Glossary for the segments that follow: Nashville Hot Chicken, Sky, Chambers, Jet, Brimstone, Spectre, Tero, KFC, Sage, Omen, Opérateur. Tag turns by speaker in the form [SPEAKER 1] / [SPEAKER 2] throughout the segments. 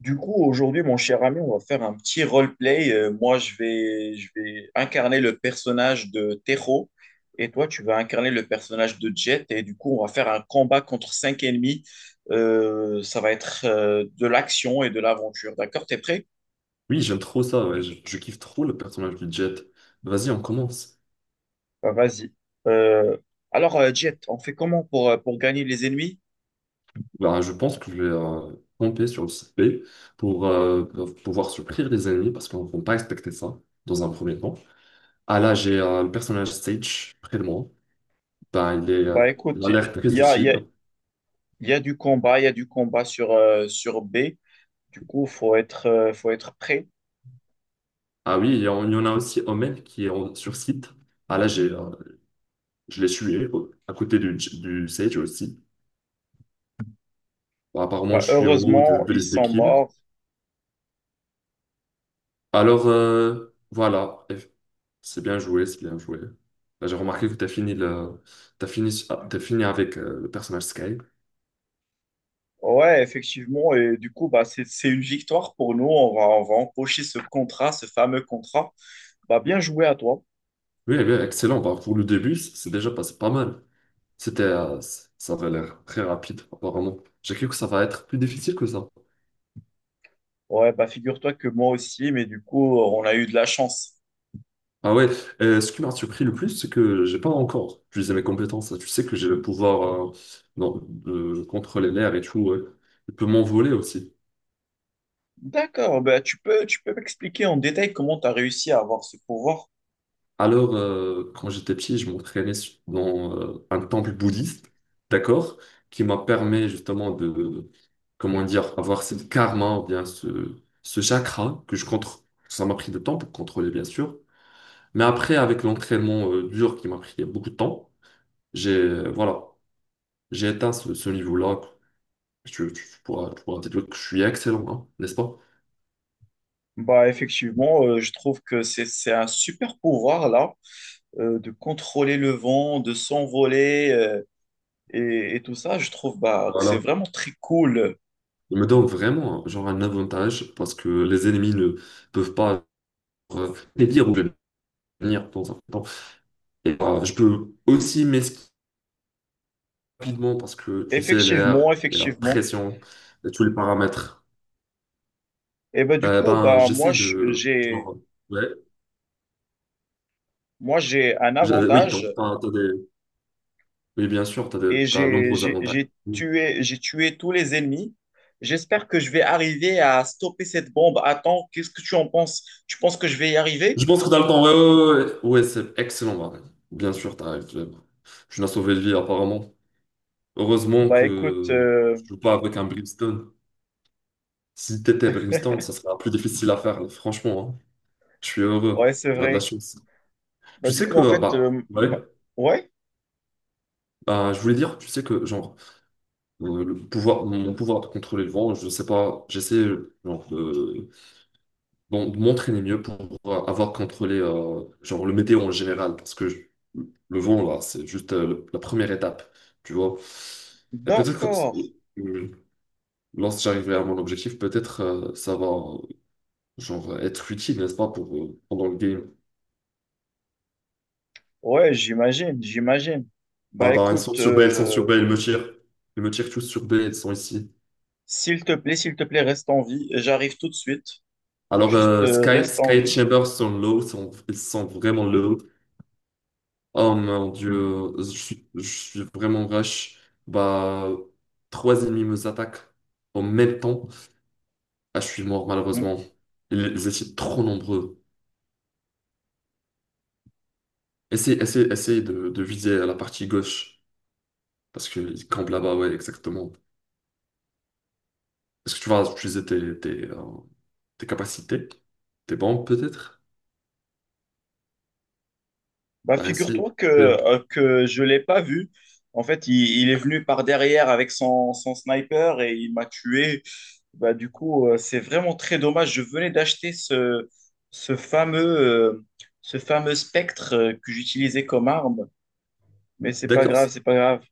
[SPEAKER 1] Du coup, aujourd'hui, mon cher ami, on va faire un petit roleplay. Moi, je vais incarner le personnage de Tero et toi, tu vas incarner le personnage de Jet. Et du coup, on va faire un combat contre cinq ennemis. Ça va être de l'action et de l'aventure. D'accord? T'es prêt?
[SPEAKER 2] Oui, j'aime trop ça, ouais. Je kiffe trop le personnage du Jet. Vas-y, on commence.
[SPEAKER 1] Bah, vas-y. Euh, Jet, on fait comment pour gagner les ennemis?
[SPEAKER 2] Bah, je pense que je vais camper sur le site B pour pouvoir surprendre les ennemis parce qu'on ne va pas expecter ça dans un premier temps. Ah là, j'ai le personnage Sage près de moi. Bah, il est
[SPEAKER 1] Bah
[SPEAKER 2] il
[SPEAKER 1] écoute,
[SPEAKER 2] a l'air très
[SPEAKER 1] y a, il y
[SPEAKER 2] utile.
[SPEAKER 1] a- il y a du combat, il y a du combat sur, sur B. Du coup, faut être prêt.
[SPEAKER 2] Ah oui, il y en a aussi Omen qui est sur site. Ah là, j'ai je l'ai tué à côté du Sage aussi. Bah, apparemment,
[SPEAKER 1] Bah,
[SPEAKER 2] je suis en haut de,
[SPEAKER 1] heureusement,
[SPEAKER 2] de
[SPEAKER 1] ils
[SPEAKER 2] liste des
[SPEAKER 1] sont
[SPEAKER 2] kills.
[SPEAKER 1] morts.
[SPEAKER 2] Alors, voilà. C'est bien joué, c'est bien joué. Là, j'ai remarqué que tu as fini t'as fini, t'as fini avec le personnage Sky.
[SPEAKER 1] Ouais, effectivement. Et du coup, bah, c'est une victoire pour nous. On va empocher ce contrat, ce fameux contrat. Bah, bien joué à toi.
[SPEAKER 2] Oui, oui, excellent. Bah, pour le début, c'est déjà passé pas mal. C'était, ça avait l'air très rapide, apparemment. J'ai cru que ça va être plus difficile que ça.
[SPEAKER 1] Ouais, bah, figure-toi que moi aussi, mais du coup, on a eu de la chance.
[SPEAKER 2] Ah ouais, ce qui m'a surpris le plus, c'est que j'ai pas encore utilisé mes compétences. Tu sais que j'ai le pouvoir non, de contrôler l'air et tout. Ouais. Je peux m'envoler aussi.
[SPEAKER 1] D'accord, bah, tu peux m'expliquer en détail comment tu as réussi à avoir ce pouvoir?
[SPEAKER 2] Alors, quand j'étais petit, je dans un temple bouddhiste, d'accord, qui m'a permis justement de, comment dire, avoir cette karma, ou bien ce chakra que je contrôle. Ça m'a pris du temps pour contrôler, bien sûr. Mais après, avec l'entraînement dur qui m'a pris beaucoup de temps, voilà, j'ai atteint ce niveau-là. Tu pourras dire que je suis excellent, hein, n'est-ce pas?
[SPEAKER 1] Bah, effectivement, je trouve que c'est un super pouvoir, là, de contrôler le vent, de s'envoler, et tout ça. Je trouve, bah, que c'est
[SPEAKER 2] Voilà.
[SPEAKER 1] vraiment très cool.
[SPEAKER 2] Il me donne vraiment, genre, un avantage parce que les ennemis ne peuvent pas. Les dire venir dans un temps. Et, je peux aussi m'esquiver rapidement parce que tu sais,
[SPEAKER 1] Effectivement,
[SPEAKER 2] l'air et la
[SPEAKER 1] effectivement.
[SPEAKER 2] pression et tous les paramètres.
[SPEAKER 1] Et ben du coup,
[SPEAKER 2] Ben,
[SPEAKER 1] bah moi
[SPEAKER 2] j'essaie
[SPEAKER 1] je-
[SPEAKER 2] de.
[SPEAKER 1] j'ai
[SPEAKER 2] Genre, ouais,
[SPEAKER 1] moi j'ai un
[SPEAKER 2] oui,
[SPEAKER 1] avantage
[SPEAKER 2] donc, oui, bien sûr,
[SPEAKER 1] et
[SPEAKER 2] t'as de
[SPEAKER 1] j'ai
[SPEAKER 2] nombreux
[SPEAKER 1] j'ai
[SPEAKER 2] avantages.
[SPEAKER 1] j'ai tué j'ai tué tous les ennemis. J'espère que je vais arriver à stopper cette bombe. Attends, qu'est-ce que tu en penses? Tu penses que je vais y arriver?
[SPEAKER 2] Je pense que t'as le temps. Ouais, ouais, ouais, ouais. Ouais, c'est excellent, Marie. Bien sûr, t'as raison. Tu n'as sauvé de vie, apparemment. Heureusement
[SPEAKER 1] Bah écoute,
[SPEAKER 2] que je joue pas avec un Brimstone. Si t'étais Brimstone, ça serait plus difficile à faire, là, franchement. Hein. Je suis
[SPEAKER 1] ouais,
[SPEAKER 2] heureux.
[SPEAKER 1] c'est
[SPEAKER 2] On a de la
[SPEAKER 1] vrai.
[SPEAKER 2] chance.
[SPEAKER 1] Bah
[SPEAKER 2] Tu
[SPEAKER 1] du
[SPEAKER 2] sais
[SPEAKER 1] coup, en
[SPEAKER 2] que,
[SPEAKER 1] fait,
[SPEAKER 2] bah, ouais,
[SPEAKER 1] ouais,
[SPEAKER 2] bah, je voulais dire, tu sais que, genre, le pouvoir, mon pouvoir de contrôler le vent, je sais pas, j'essaie, genre, de, bon, de m'entraîner mieux pour avoir contrôlé, genre, le météo en général, le vent, là, c'est juste la première étape, tu vois. Et peut-être que,
[SPEAKER 1] d'accord.
[SPEAKER 2] euh, lorsque j'arriverai à mon objectif, peut-être, ça va, genre, être utile, n'est-ce pas, pour, pendant le game.
[SPEAKER 1] Ouais, j'imagine, j'imagine.
[SPEAKER 2] Ah,
[SPEAKER 1] Bah
[SPEAKER 2] bah, ils sont
[SPEAKER 1] écoute,
[SPEAKER 2] sur B, ils sont sur B, ils me tirent. Ils me tirent tous sur B, ils sont ici.
[SPEAKER 1] s'il te plaît, reste en vie. J'arrive tout de suite.
[SPEAKER 2] Alors,
[SPEAKER 1] Juste euh,
[SPEAKER 2] Sky,
[SPEAKER 1] reste
[SPEAKER 2] Sky
[SPEAKER 1] en
[SPEAKER 2] et
[SPEAKER 1] vie.
[SPEAKER 2] Chambers sont sont, ils sont vraiment low. Oh mon Dieu, je suis vraiment rush. Bah, trois ennemis me attaquent en même temps. Ah, je suis mort
[SPEAKER 1] Bon.
[SPEAKER 2] malheureusement. Ils étaient trop nombreux. Essaye de viser à la partie gauche, parce qu'ils campent là-bas, ouais, exactement. Est-ce que tu vas utiliser tes tes capacités? Tes bombes peut-être?
[SPEAKER 1] Bah,
[SPEAKER 2] Bah, essaye.
[SPEAKER 1] figure-toi que je ne l'ai pas vu. En fait, il est venu par derrière avec son sniper et il m'a tué. Bah, du coup, c'est vraiment très dommage. Je venais d'acheter ce fameux, euh, ce fameux spectre que j'utilisais comme arme, mais c'est pas
[SPEAKER 2] D'accord.
[SPEAKER 1] grave, c'est pas grave.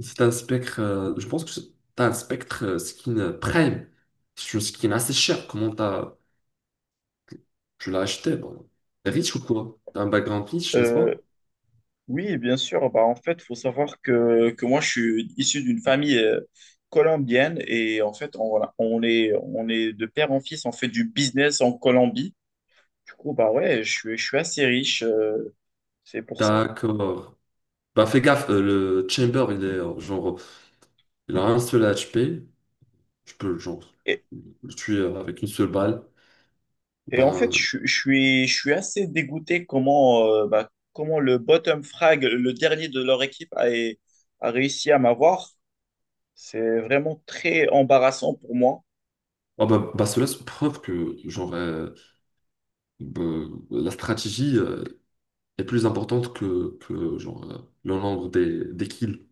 [SPEAKER 2] C'est un spectre, je pense que c'est t'as un spectre skin prime. C'est une skin assez chère. Comment t'as, tu l'as acheté? Bon. T'es riche ou quoi? T'as un background riche, n'est-ce
[SPEAKER 1] Euh,
[SPEAKER 2] pas?
[SPEAKER 1] oui, bien sûr. Bah, en fait, il faut savoir que moi, je suis issu d'une famille colombienne et en fait, on, voilà, on est de père en fils, on fait du business en Colombie. Du coup, bah ouais, je suis assez riche, c'est pour ça.
[SPEAKER 2] D'accord. Bah fais gaffe, le chamber, il est genre, il a un seul HP. Tu peux genre
[SPEAKER 1] Et,
[SPEAKER 2] le tuer avec une seule balle.
[SPEAKER 1] et en fait,
[SPEAKER 2] Bah,
[SPEAKER 1] je suis assez dégoûté comment, comment le bottom frag, le dernier de leur équipe, a réussi à m'avoir. C'est vraiment très embarrassant pour moi.
[SPEAKER 2] oh, bah, cela c'est preuve que genre bah, la stratégie est plus importante que genre le nombre des kills.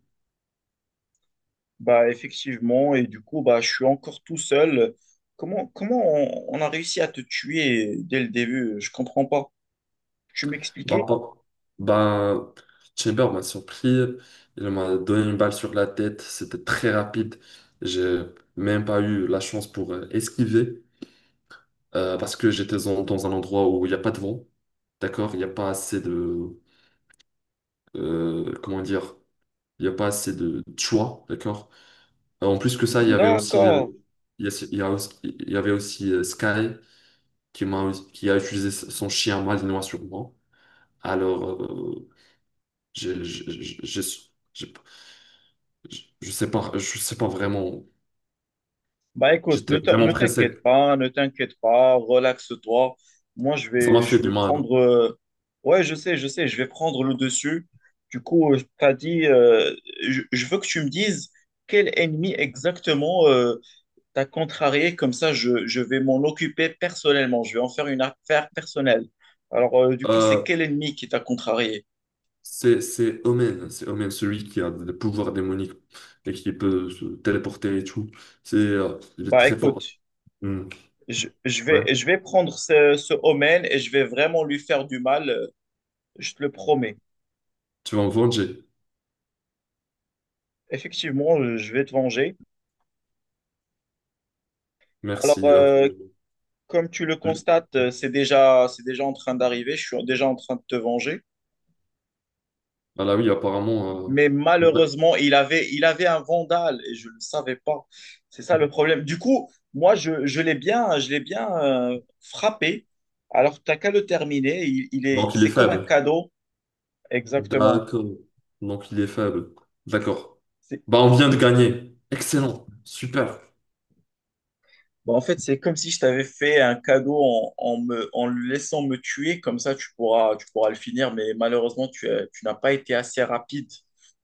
[SPEAKER 1] Bah, effectivement, et du coup, bah, je suis encore tout seul. Comment on a réussi à te tuer dès le début? Je comprends pas. Tu
[SPEAKER 2] Bah,
[SPEAKER 1] m'expliquais?
[SPEAKER 2] bah, bah, Chamber m'a surpris. Il m'a donné une balle sur la tête. C'était très rapide. J'ai même pas eu la chance pour esquiver parce que j'étais dans un endroit où il n'y a pas de vent. D'accord? Il n'y a pas assez de. Comment dire? Il n'y a pas assez de choix. D'accord? En plus que ça, il y avait aussi.
[SPEAKER 1] D'accord.
[SPEAKER 2] Il y avait aussi Sky qui qui a utilisé son chien malinois sur moi. Alors, j'ai j'ai- j'ai- j'ai- j'ai- je sais pas vraiment.
[SPEAKER 1] Bah écoute,
[SPEAKER 2] J'étais vraiment
[SPEAKER 1] ne t'inquiète
[SPEAKER 2] pressé.
[SPEAKER 1] pas, ne t'inquiète pas, relaxe-toi. Moi,
[SPEAKER 2] Ça m'a
[SPEAKER 1] je
[SPEAKER 2] fait du
[SPEAKER 1] vais
[SPEAKER 2] mal.
[SPEAKER 1] prendre. Ouais, je sais, je sais, je vais prendre le dessus. Du coup, tu as dit, je veux que tu me dises quel ennemi exactement t'as contrarié. Comme ça, je vais m'en occuper personnellement. Je vais en faire une affaire personnelle. Alors, du coup, c'est
[SPEAKER 2] Euh,
[SPEAKER 1] quel ennemi qui t'a contrarié?
[SPEAKER 2] c'est Omen, celui qui a des pouvoirs démoniques et qui peut se téléporter et tout. C'est il est
[SPEAKER 1] Bah
[SPEAKER 2] très fort.
[SPEAKER 1] écoute,
[SPEAKER 2] Hmm. Ouais,
[SPEAKER 1] je vais prendre ce Omen et je vais vraiment lui faire du mal. Je te le promets.
[SPEAKER 2] tu vas me venger.
[SPEAKER 1] Effectivement, je vais te venger. Alors,
[SPEAKER 2] Merci.
[SPEAKER 1] comme tu le constates, c'est déjà en train d'arriver. Je suis déjà en train de te venger.
[SPEAKER 2] Ah là oui, apparemment.
[SPEAKER 1] Mais
[SPEAKER 2] euh,
[SPEAKER 1] malheureusement, il avait un vandale et je ne le savais pas. C'est ça le problème. Du coup, moi, je l'ai bien frappé. Alors, t'as qu'à le terminer.
[SPEAKER 2] Donc il est
[SPEAKER 1] C'est comme un
[SPEAKER 2] faible.
[SPEAKER 1] cadeau. Exactement.
[SPEAKER 2] D'accord. Donc il est faible. D'accord. Bah on vient de gagner. Excellent. Super.
[SPEAKER 1] Bah, en fait, c'est comme si je t'avais fait un cadeau en, en le laissant me tuer, comme ça tu pourras le finir, mais malheureusement, tu n'as pas été assez rapide.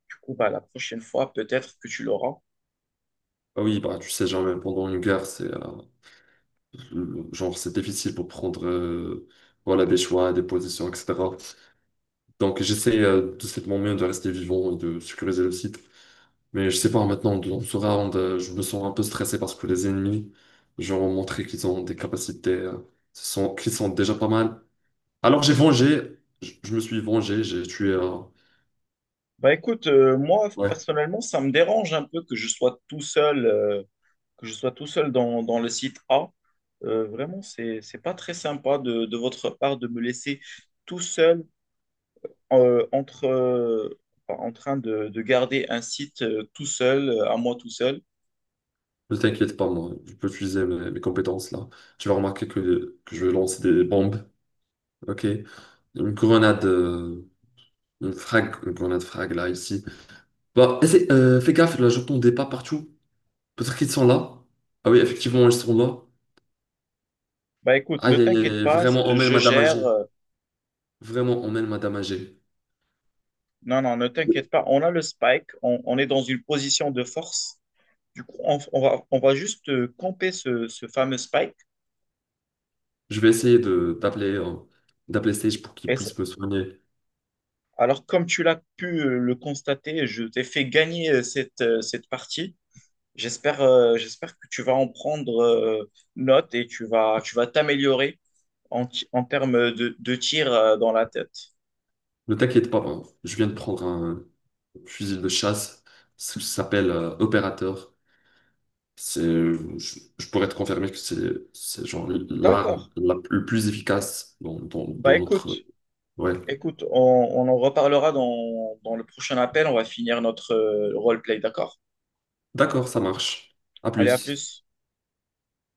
[SPEAKER 1] Du coup, bah, la prochaine fois, peut-être que tu l'auras.
[SPEAKER 2] Ah oui, bah tu sais jamais, pendant une guerre, c'est genre, c'est difficile pour prendre voilà, des choix, des positions, etc. Donc, j'essaie de cette manière de rester vivant et de sécuriser le site. Mais je sais pas, maintenant, dans ce round, je me sens un peu stressé parce que les ennemis, genre, ont montré qu'ils ont des capacités ce sont, qui sont déjà pas mal. Alors, j'ai vengé, je me suis vengé, j'ai tué un.
[SPEAKER 1] Bah écoute, moi,
[SPEAKER 2] Ouais,
[SPEAKER 1] personnellement, ça me dérange un peu que je sois tout seul, que je sois tout seul dans, dans le site A. Vraiment, c'est pas très sympa de votre part de me laisser tout seul euh, entre, euh, enfin, en train de garder un site tout seul, à moi tout seul.
[SPEAKER 2] ne t'inquiète pas, moi, je peux utiliser mes compétences là. Tu vas remarquer que je vais lancer des bombes, ok? Une grenade. Une frag, une grenade frag là, ici. Bah, fais gaffe, là, j'entends des pas partout. Peut-être qu'ils sont là. Ah oui, effectivement, ils sont là.
[SPEAKER 1] Bah écoute, ne
[SPEAKER 2] Aïe, aïe,
[SPEAKER 1] t'inquiète
[SPEAKER 2] aïe,
[SPEAKER 1] pas,
[SPEAKER 2] vraiment, emmène
[SPEAKER 1] je
[SPEAKER 2] Madame
[SPEAKER 1] gère.
[SPEAKER 2] Agé. Vraiment, emmène Madame Agé.
[SPEAKER 1] Non, non, ne t'inquiète pas. On a le spike, on est dans une position de force. Du coup, on va juste camper ce fameux spike.
[SPEAKER 2] Je vais essayer de d'appeler d'appeler Sage pour qu'il
[SPEAKER 1] Et ça-
[SPEAKER 2] puisse me soigner.
[SPEAKER 1] comme tu l'as pu le constater, je t'ai fait gagner cette partie. J'espère que tu vas en prendre note et tu vas t'améliorer en termes de tir dans la tête.
[SPEAKER 2] Ne t'inquiète pas, hein. Je viens de prendre un fusil de chasse. Ça s'appelle Opérateur. C'est, je pourrais te confirmer que c'est genre
[SPEAKER 1] D'accord.
[SPEAKER 2] l'arme le plus efficace
[SPEAKER 1] Bah
[SPEAKER 2] dans
[SPEAKER 1] écoute.
[SPEAKER 2] notre. Ouais.
[SPEAKER 1] Écoute, on en reparlera dans le prochain appel. On va finir notre roleplay, d'accord?
[SPEAKER 2] D'accord, ça marche. À
[SPEAKER 1] Allez, à
[SPEAKER 2] plus.
[SPEAKER 1] plus.